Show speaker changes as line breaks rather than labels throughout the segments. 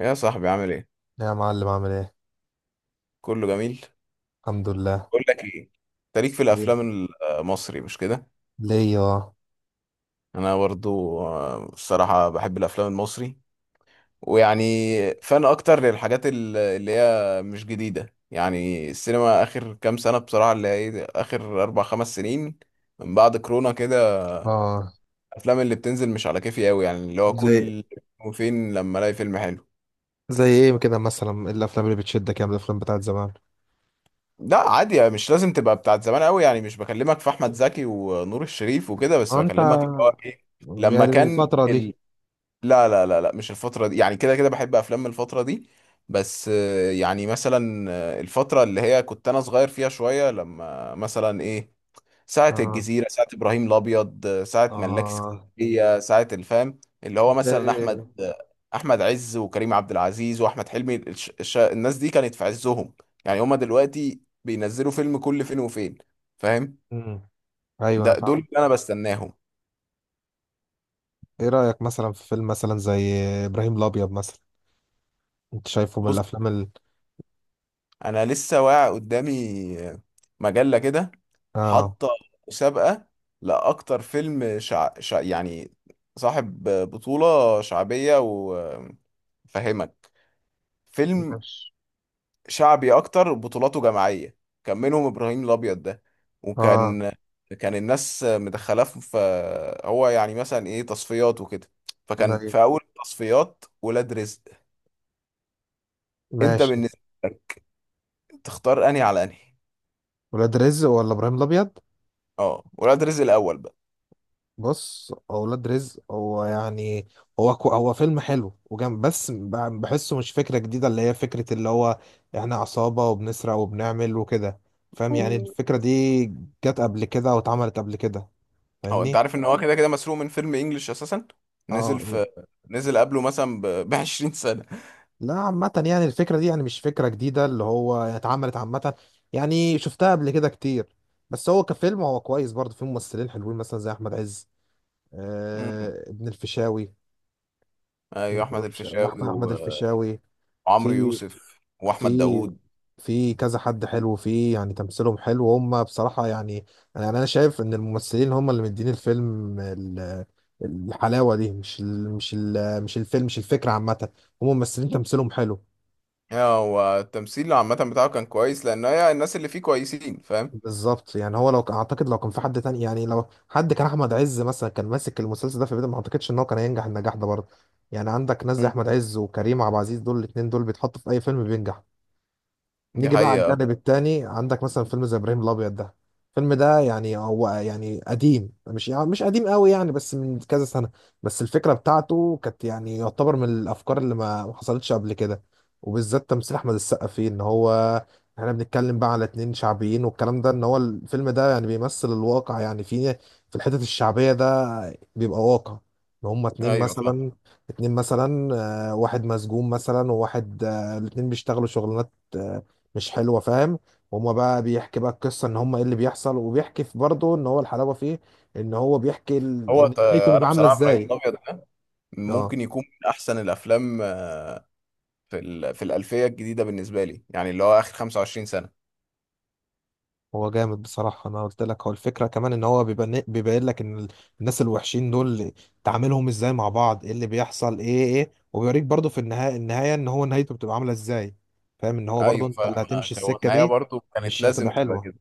يا صاحبي عامل ايه؟
لا يا معلم عامل ايه؟
كله جميل.
الحمد لله.
بقول لك ايه، انت ليك في
إيه؟
الافلام المصري؟ مش كده.
ليا، اه.
انا برضو الصراحه بحب الافلام المصري ويعني فان اكتر للحاجات اللي هي مش جديده، يعني السينما اخر كام سنه، بصراحه اللي هي اخر اربع خمس سنين، من بعد كورونا كده.
اه.
الافلام اللي بتنزل مش على كيفي قوي، يعني اللي هو
زي
كل فين لما الاقي فيلم حلو.
زي ايه كده، مثلا إيه الافلام اللي بتشدك يعني؟ من الافلام بتاعت زمان؟
لا عادي، يعني مش لازم تبقى بتاعت زمان قوي، يعني مش بكلمك في احمد زكي ونور الشريف وكده، بس
انت
بكلمك اللي هو ايه، لما
يعني
كان
الفترة دي.
لا لا لا لا، مش الفترة دي، يعني كده كده بحب افلام من الفترة دي، بس يعني مثلا الفترة اللي هي كنت انا صغير فيها شوية، لما مثلا ايه، ساعة
اه.
الجزيرة، ساعة إبراهيم الأبيض، ساعة ملاك
اه.
اسكندرية، ساعة الفام، اللي هو
انت
مثلا
إيه؟
أحمد عز وكريم عبد العزيز وأحمد حلمي، الناس دي كانت في عزهم. يعني هما دلوقتي بينزلوا فيلم كل فين وفين، فاهم؟
مم. ايوه انا
ده
فاهم.
دول اللي أنا بستناهم.
ايه رأيك مثلا في فيلم مثلا زي ابراهيم الابيض مثلا؟ انت شايفه من
بص،
الافلام ال...
أنا لسه واقع قدامي مجلة كده،
اه.
حاطة مسابقة لأكتر فيلم يعني صاحب بطولة شعبية، و فهمك، فيلم
ماشي.
شعبي اكتر بطولاته جماعيه. كان منهم ابراهيم الابيض ده،
اه.
وكان كان الناس مدخلاه في، هو يعني مثلا ايه، تصفيات وكده. فكان
زي
في اول التصفيات ولاد رزق. انت
ماشي.
بالنسبه لك تختار انهي على انهي؟
ولاد رزق ولا ابراهيم الابيض؟
اه ولاد رزق الاول بقى.
بص، اولاد رزق هو يعني هو فيلم حلو وجامد، بس بحسه مش فكره جديده، اللي هي فكره اللي هو احنا عصابه وبنسرق وبنعمل وكده. فاهم يعني الفكره دي جت قبل كده او اتعملت قبل كده،
هو انت
فاهمني؟
عارف ان هو كده كده مسروق من فيلم انجلش اساسا،
اه
نزل
ي-
في، نزل قبله مثلا ب 20 سنه.
لا عامه، يعني الفكره دي يعني مش فكره جديده، اللي هو اتعملت عامه، يعني شفتها قبل كده كتير. بس هو كفيلم هو كويس، برضه فيه ممثلين حلوين مثلا زي احمد عز،
مم.
آه، ابن الفيشاوي. ابن
ايوه احمد
الفيشاوي- احمد
الفيشاوي
أحمد الفيشاوي.
وعمرو
في
يوسف واحمد
في
داوود.
في كذا حد حلو فيه، يعني تمثيلهم حلو هم بصراحة. يعني يعني أنا شايف إن الممثلين هم اللي مدين الفيلم الحلاوة دي، مش الفيلم، مش الفكرة عامة. هم ممثلين تمثيلهم حلو.
هو التمثيل عامة بتاعه كان كويس، لأن هي الناس اللي فيه كويسين، فاهم؟
بالظبط، يعني هو أعتقد لو كان في حد تاني، يعني لو حد كان أحمد عز مثلا كان ماسك المسلسل ده في بداية، ما أعتقدش إن هو كان هينجح النجاح ده برضه. يعني عندك ناس زي
مم.
أحمد عز وكريم عبد العزيز، دول الاتنين دول بيتحطوا في أي فيلم بينجح.
دي
نيجي بقى على
حقيقة.
الجانب التاني، عندك مثلا فيلم زي ابراهيم الابيض ده. الفيلم ده يعني هو يعني قديم، مش يعني مش قديم قوي يعني، بس من كذا سنه. بس الفكره بتاعته كانت يعني يعتبر من الافكار اللي ما حصلتش قبل كده، وبالذات تمثيل احمد السقا فيه. ان هو احنا بنتكلم بقى على اتنين شعبيين، والكلام ده ان هو الفيلم ده يعني بيمثل الواقع، يعني في الحتت الشعبيه ده بيبقى واقع. ان هما اتنين
أيوة فاهم.
مثلا، اتنين مثلا، واحد مسجون مثلا وواحد، الاتنين بيشتغلوا شغلانات، مش حلوه، فاهم؟ هما بقى بيحكي بقى القصه ان هما ايه اللي بيحصل، وبيحكي في برضه ان هو الحلاوه فيه ان هو بيحكي ال...
هو
ان
ت-
نهايته
أنا
بيبقى عامله
بصراحة إبراهيم
ازاي.
الأبيض ده
اه.
ممكن يكون من أحسن الأفلام في في الألفية الجديدة بالنسبة لي، يعني اللي هو آخر 25 سنة.
هو جامد بصراحه. انا قلت لك هو الفكره كمان ان هو بيبين لك ان الناس الوحشين دول تعاملهم ازاي مع بعض، ايه اللي بيحصل، ايه، وبيوريك برضه في النهايه، النهايه ان هو نهايته بتبقى عامله ازاي، فاهم؟ ان هو برضه
أيوة
انت اللي
فاهم.
هتمشي
هو
السكه
النهاية
دي،
برضو كانت
مش هتبقى
لازم تبقى
حلوه.
كده.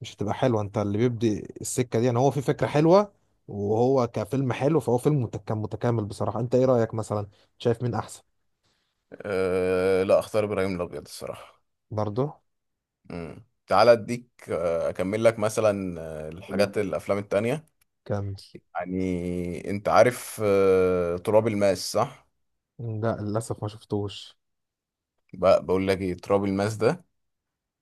مش هتبقى حلوه. انت اللي بيبدي السكه دي، يعني هو في فكره حلوه، وهو كفيلم حلو، فهو فيلم كان متكامل بصراحه. انت ايه رايك مثلا؟ شايف مين احسن؟
لا أختار إبراهيم الأبيض الصراحة.
برضه
مم. تعالى أديك أكمل لك مثلا الحاجات الأفلام التانية.
كان.
يعني أنت عارف تراب الماس، صح؟
لا للاسف ما شفتوش.
بقى بقول لك ايه، تراب الماس ده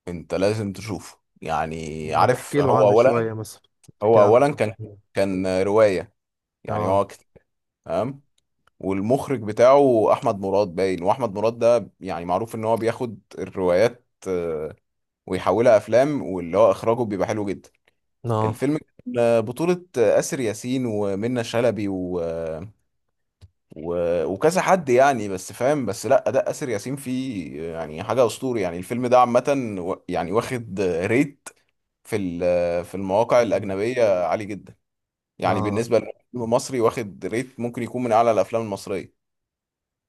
انت لازم تشوفه. يعني
ما
عارف،
تحكي له
هو
عنه
اولا،
شويه مثلا، تحكي
هو
له عنه
اولا كان
شويه.
كان روايه، يعني
اه.
تمام. والمخرج بتاعه احمد مراد، باين. واحمد مراد ده يعني معروف ان هو بياخد الروايات ويحولها افلام، واللي هو اخراجه بيبقى حلو جدا.
اه.
الفيلم كان بطولة آسر ياسين ومنة شلبي و... وكذا حد يعني، بس فاهم، بس لا اداء اسر ياسين فيه يعني حاجه اسطوري. يعني الفيلم ده عامه يعني واخد ريت في في المواقع الاجنبيه عالي جدا، يعني
اه.
بالنسبه للفيلم المصري واخد ريت ممكن يكون من اعلى الافلام المصريه.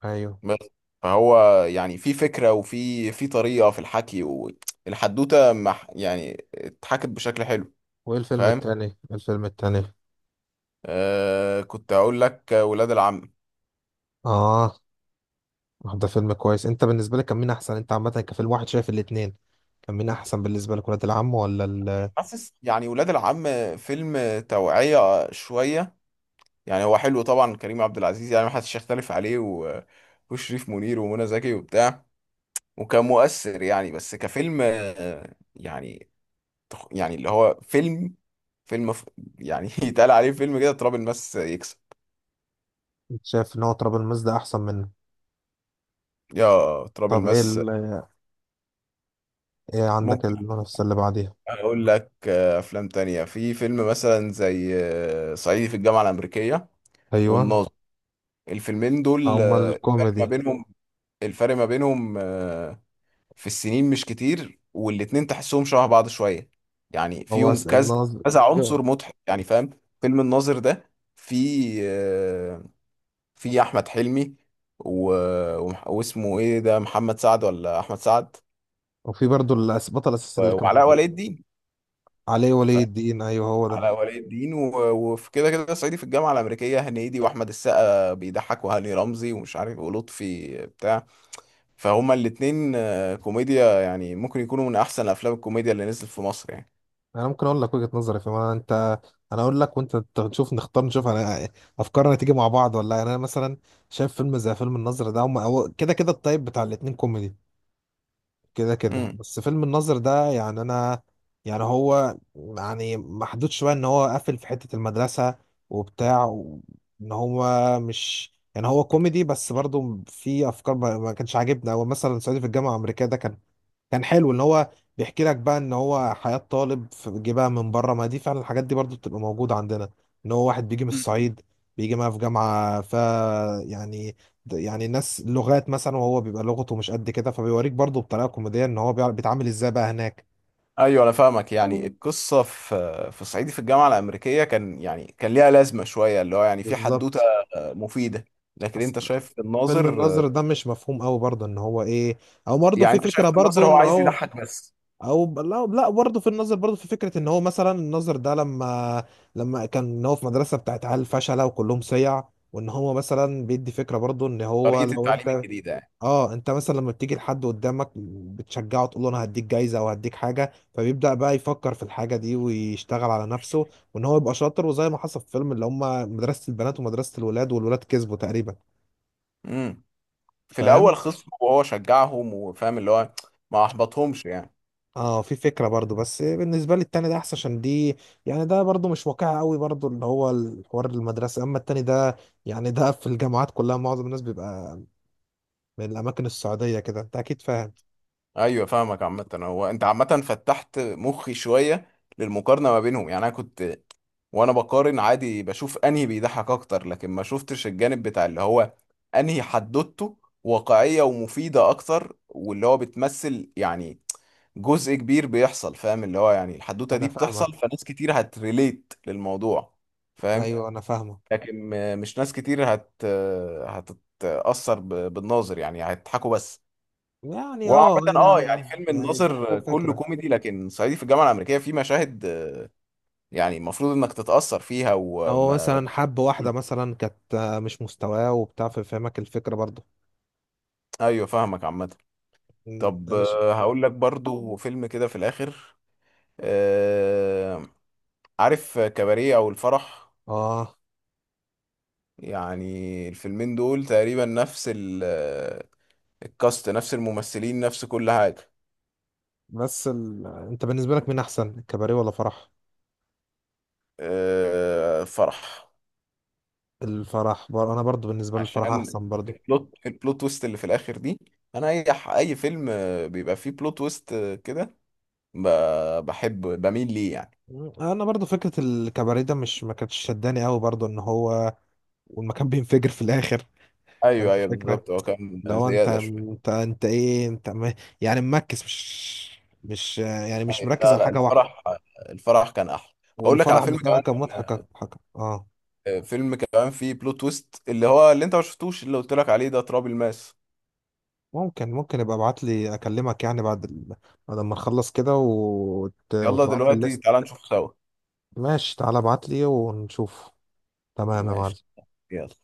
ايوه.
بس فهو يعني في فكره، وفي في طريقه في الحكي، والحدوته يعني اتحكت بشكل حلو،
وايه الفيلم
فاهم؟
التاني إيه الفيلم التاني
آه كنت اقول لك، ولاد العم.
اه، ده فيلم كويس. انت بالنسبه لك كان مين احسن؟ انت عامه كفيلم واحد، شايف الاتنين كان مين احسن بالنسبه لك، ولاد العم ولا ال...؟
حاسس يعني ولاد العم فيلم توعيه شويه، يعني هو حلو طبعا، كريم عبد العزيز يعني ما حدش يختلف عليه وشريف منير ومنى زكي وبتاع، وكان مؤثر يعني. بس كفيلم يعني يعني اللي هو فيلم فيلم ف... يعني يتقال عليه فيلم كده، تراب الماس يكسب.
شايف ان هو تراب الماس ده احسن منه؟
يا تراب
طب ايه
الماس.
ال... ايه عندك
ممكن
المنافسة اللي بعديها؟
اقول لك افلام تانية، في فيلم مثلا زي صعيدي في الجامعة الأمريكية،
ايوه.
والناظر. الفيلمين دول
امال
الفرق ما
الكوميدي؟
بينهم، الفرق ما بينهم في السنين مش كتير، والاتنين تحسهم شبه بعض شوية. يعني
هو
فيهم كذا
الناظر.
كذا عنصر مضحك، يعني فاهم؟ فيلم الناظر ده في آه، في أحمد حلمي و... واسمه ايه ده، محمد سعد ولا أحمد سعد،
وفي برضو البطل الاساسي اللي كان
وعلاء ولي الدين،
عليه ولي
فاهم؟
الدين، ايوه هو ده.
علاء ولي الدين، وفي كده كده صعيدي في الجامعة الأمريكية، هنيدي وأحمد السقا بيضحك وهاني رمزي ومش عارف ولطفي بتاع. فهما الاتنين كوميديا، يعني ممكن يكونوا من أحسن أفلام الكوميديا اللي نزلت في مصر يعني.
انا ممكن اقول لك وجهة نظري، في ما انت، انا اقول لك وانت نشوف، نختار نشوف انا افكارنا تيجي مع بعض ولا لا. يعني انا مثلا شايف فيلم زي فيلم الناظر ده، هم هو كده كده الطيب بتاع الاتنين كوميدي، كده كده،
مم.
بس فيلم الناظر ده يعني انا يعني هو يعني محدود شويه، ان هو قافل في حته المدرسه وبتاع ان هو مش، يعني هو كوميدي بس برضه في افكار ما كانش عاجبنا. هو مثلا صعيدي في الجامعه الامريكيه ده كان، كان حلو، اللي هو بيحكي لك بقى ان هو حياة طالب جه بقى من بره، ما دي فعلا الحاجات دي برضو بتبقى موجودة عندنا، ان هو واحد بيجي من
مم.
الصعيد، بيجي معاه في جامعة ف، يعني يعني ناس لغات مثلا، وهو بيبقى لغته مش قد كده، فبيوريك برضو بطريقة كوميدية ان هو بيعرف بيتعامل ازاي بقى هناك.
ايوه انا فاهمك، يعني القصه في في صعيدي في الجامعه الامريكيه كان يعني كان ليها لازمه شويه، اللي هو يعني في حدوته
بالظبط.
مفيده. لكن
أص-
انت شايف في
فيلم
الناظر،
النظر ده مش مفهوم قوي برضه ان هو ايه، او برضه
يعني
في
انت شايف
فكرة
في الناظر
برضه
هو
ان
عايز
هو،
يضحك بس،
او لا لا، برضه في النظر برضه في فكره ان هو مثلا النظر ده لما، لما كان إن هو في مدرسه بتاعت عيال فشله وكلهم صيع، وان هو مثلا بيدي فكره برضه ان هو
طريقه
لو
التعليم
انت.
الجديده يعني.
اه، انت مثلا لما بتيجي لحد قدامك بتشجعه، تقول له انا هديك جايزه او هديك حاجه، فبيبدا بقى يفكر في الحاجه دي ويشتغل على نفسه وان هو يبقى شاطر، وزي ما حصل في فيلم اللي هم مدرسه البنات ومدرسه الولاد، والولاد كسبوا تقريبا،
امم، في الاول
فاهم؟
خصمه وهو شجعهم، وفاهم اللي هو ما احبطهمش يعني.
اه، في فكرة برضو، بس بالنسبة لي التاني ده احسن، عشان دي، يعني ده برضو مش واقعي قوي برضو اللي هو الحوار المدرسة، اما التاني ده يعني ده في الجامعات كلها معظم الناس بيبقى من الاماكن السعودية كده، انت اكيد فاهم.
ايوه فاهمك. عامة هو انت عامة فتحت مخي شوية للمقارنة ما بينهم، يعني انا كنت وانا بقارن عادي بشوف انهي بيضحك اكتر، لكن ما شفتش الجانب بتاع اللي هو انهي حدوته واقعية ومفيدة اكتر، واللي هو بتمثل يعني جزء كبير بيحصل، فاهم اللي هو يعني الحدوتة
انا
دي بتحصل
فاهمك.
فناس كتير هتريليت للموضوع، فاهم؟
ايوه انا فاهمك.
لكن مش ناس كتير هت هتتأثر بالناظر، يعني هيضحكوا بس.
يعني اه،
وعامة اه يعني
انا
فيلم
يعني الضحك هو
الناظر كله
فكرة.
كوميدي، لكن صعيدي في الجامعة الأمريكية فيه مشاهد يعني المفروض إنك تتأثر فيها
هو
و...
مثلا حب واحدة مثلا كانت، مش مستواه وبتاع، فاهمك الفكرة برضو.
أيوه فاهمك عامة.
مم، ده
طب
انا ش...
هقول لك برضو فيلم كده في الآخر، آه، عارف كباريه أو الفرح؟
اه.
يعني الفيلمين دول تقريبا نفس الكاست، نفس الممثلين، نفس كل حاجة.
بس ال... انت بالنسبة لك مين احسن، الكباريه ولا فرح؟
فرح،
الفرح بر... انا برضو بالنسبة لي الفرح
عشان
احسن برضو.
البلوت، البلوت تويست اللي في الاخر دي. انا اي اي فيلم بيبقى فيه بلوت تويست كده، بحب بميل ليه يعني.
انا برضو فكره الكباريه ده مش، ما كانتش شداني قوي برضو ان هو والمكان بينفجر في الاخر،
ايوه
فاهم
ايوه
الفكره؟
بالظبط، هو كان
لو انت
زياده شويه.
ايه انت م... يعني مركز، مش، مش يعني
أيوة.
مش مركز
لا
على
لا،
حاجه واحده.
الفرح، الفرح كان احلى. اقول لك على
والفرح
فيلم
بصراحه
كمان،
كان مضحك مضحك، اه.
فيلم كمان فيه بلوت تويست، اللي هو اللي انت ما شفتوش اللي قلت لك عليه ده، تراب الماس.
ممكن يبقى ابعت لي، اكلمك يعني بعد ال... بعد ما نخلص كده،
يلا
وتبعت لي
دلوقتي
الليست.
تعالى نشوف سوا.
ماشي، تعالى ابعت لي ونشوف. تمام يا
ماشي،
معلم.
يلا.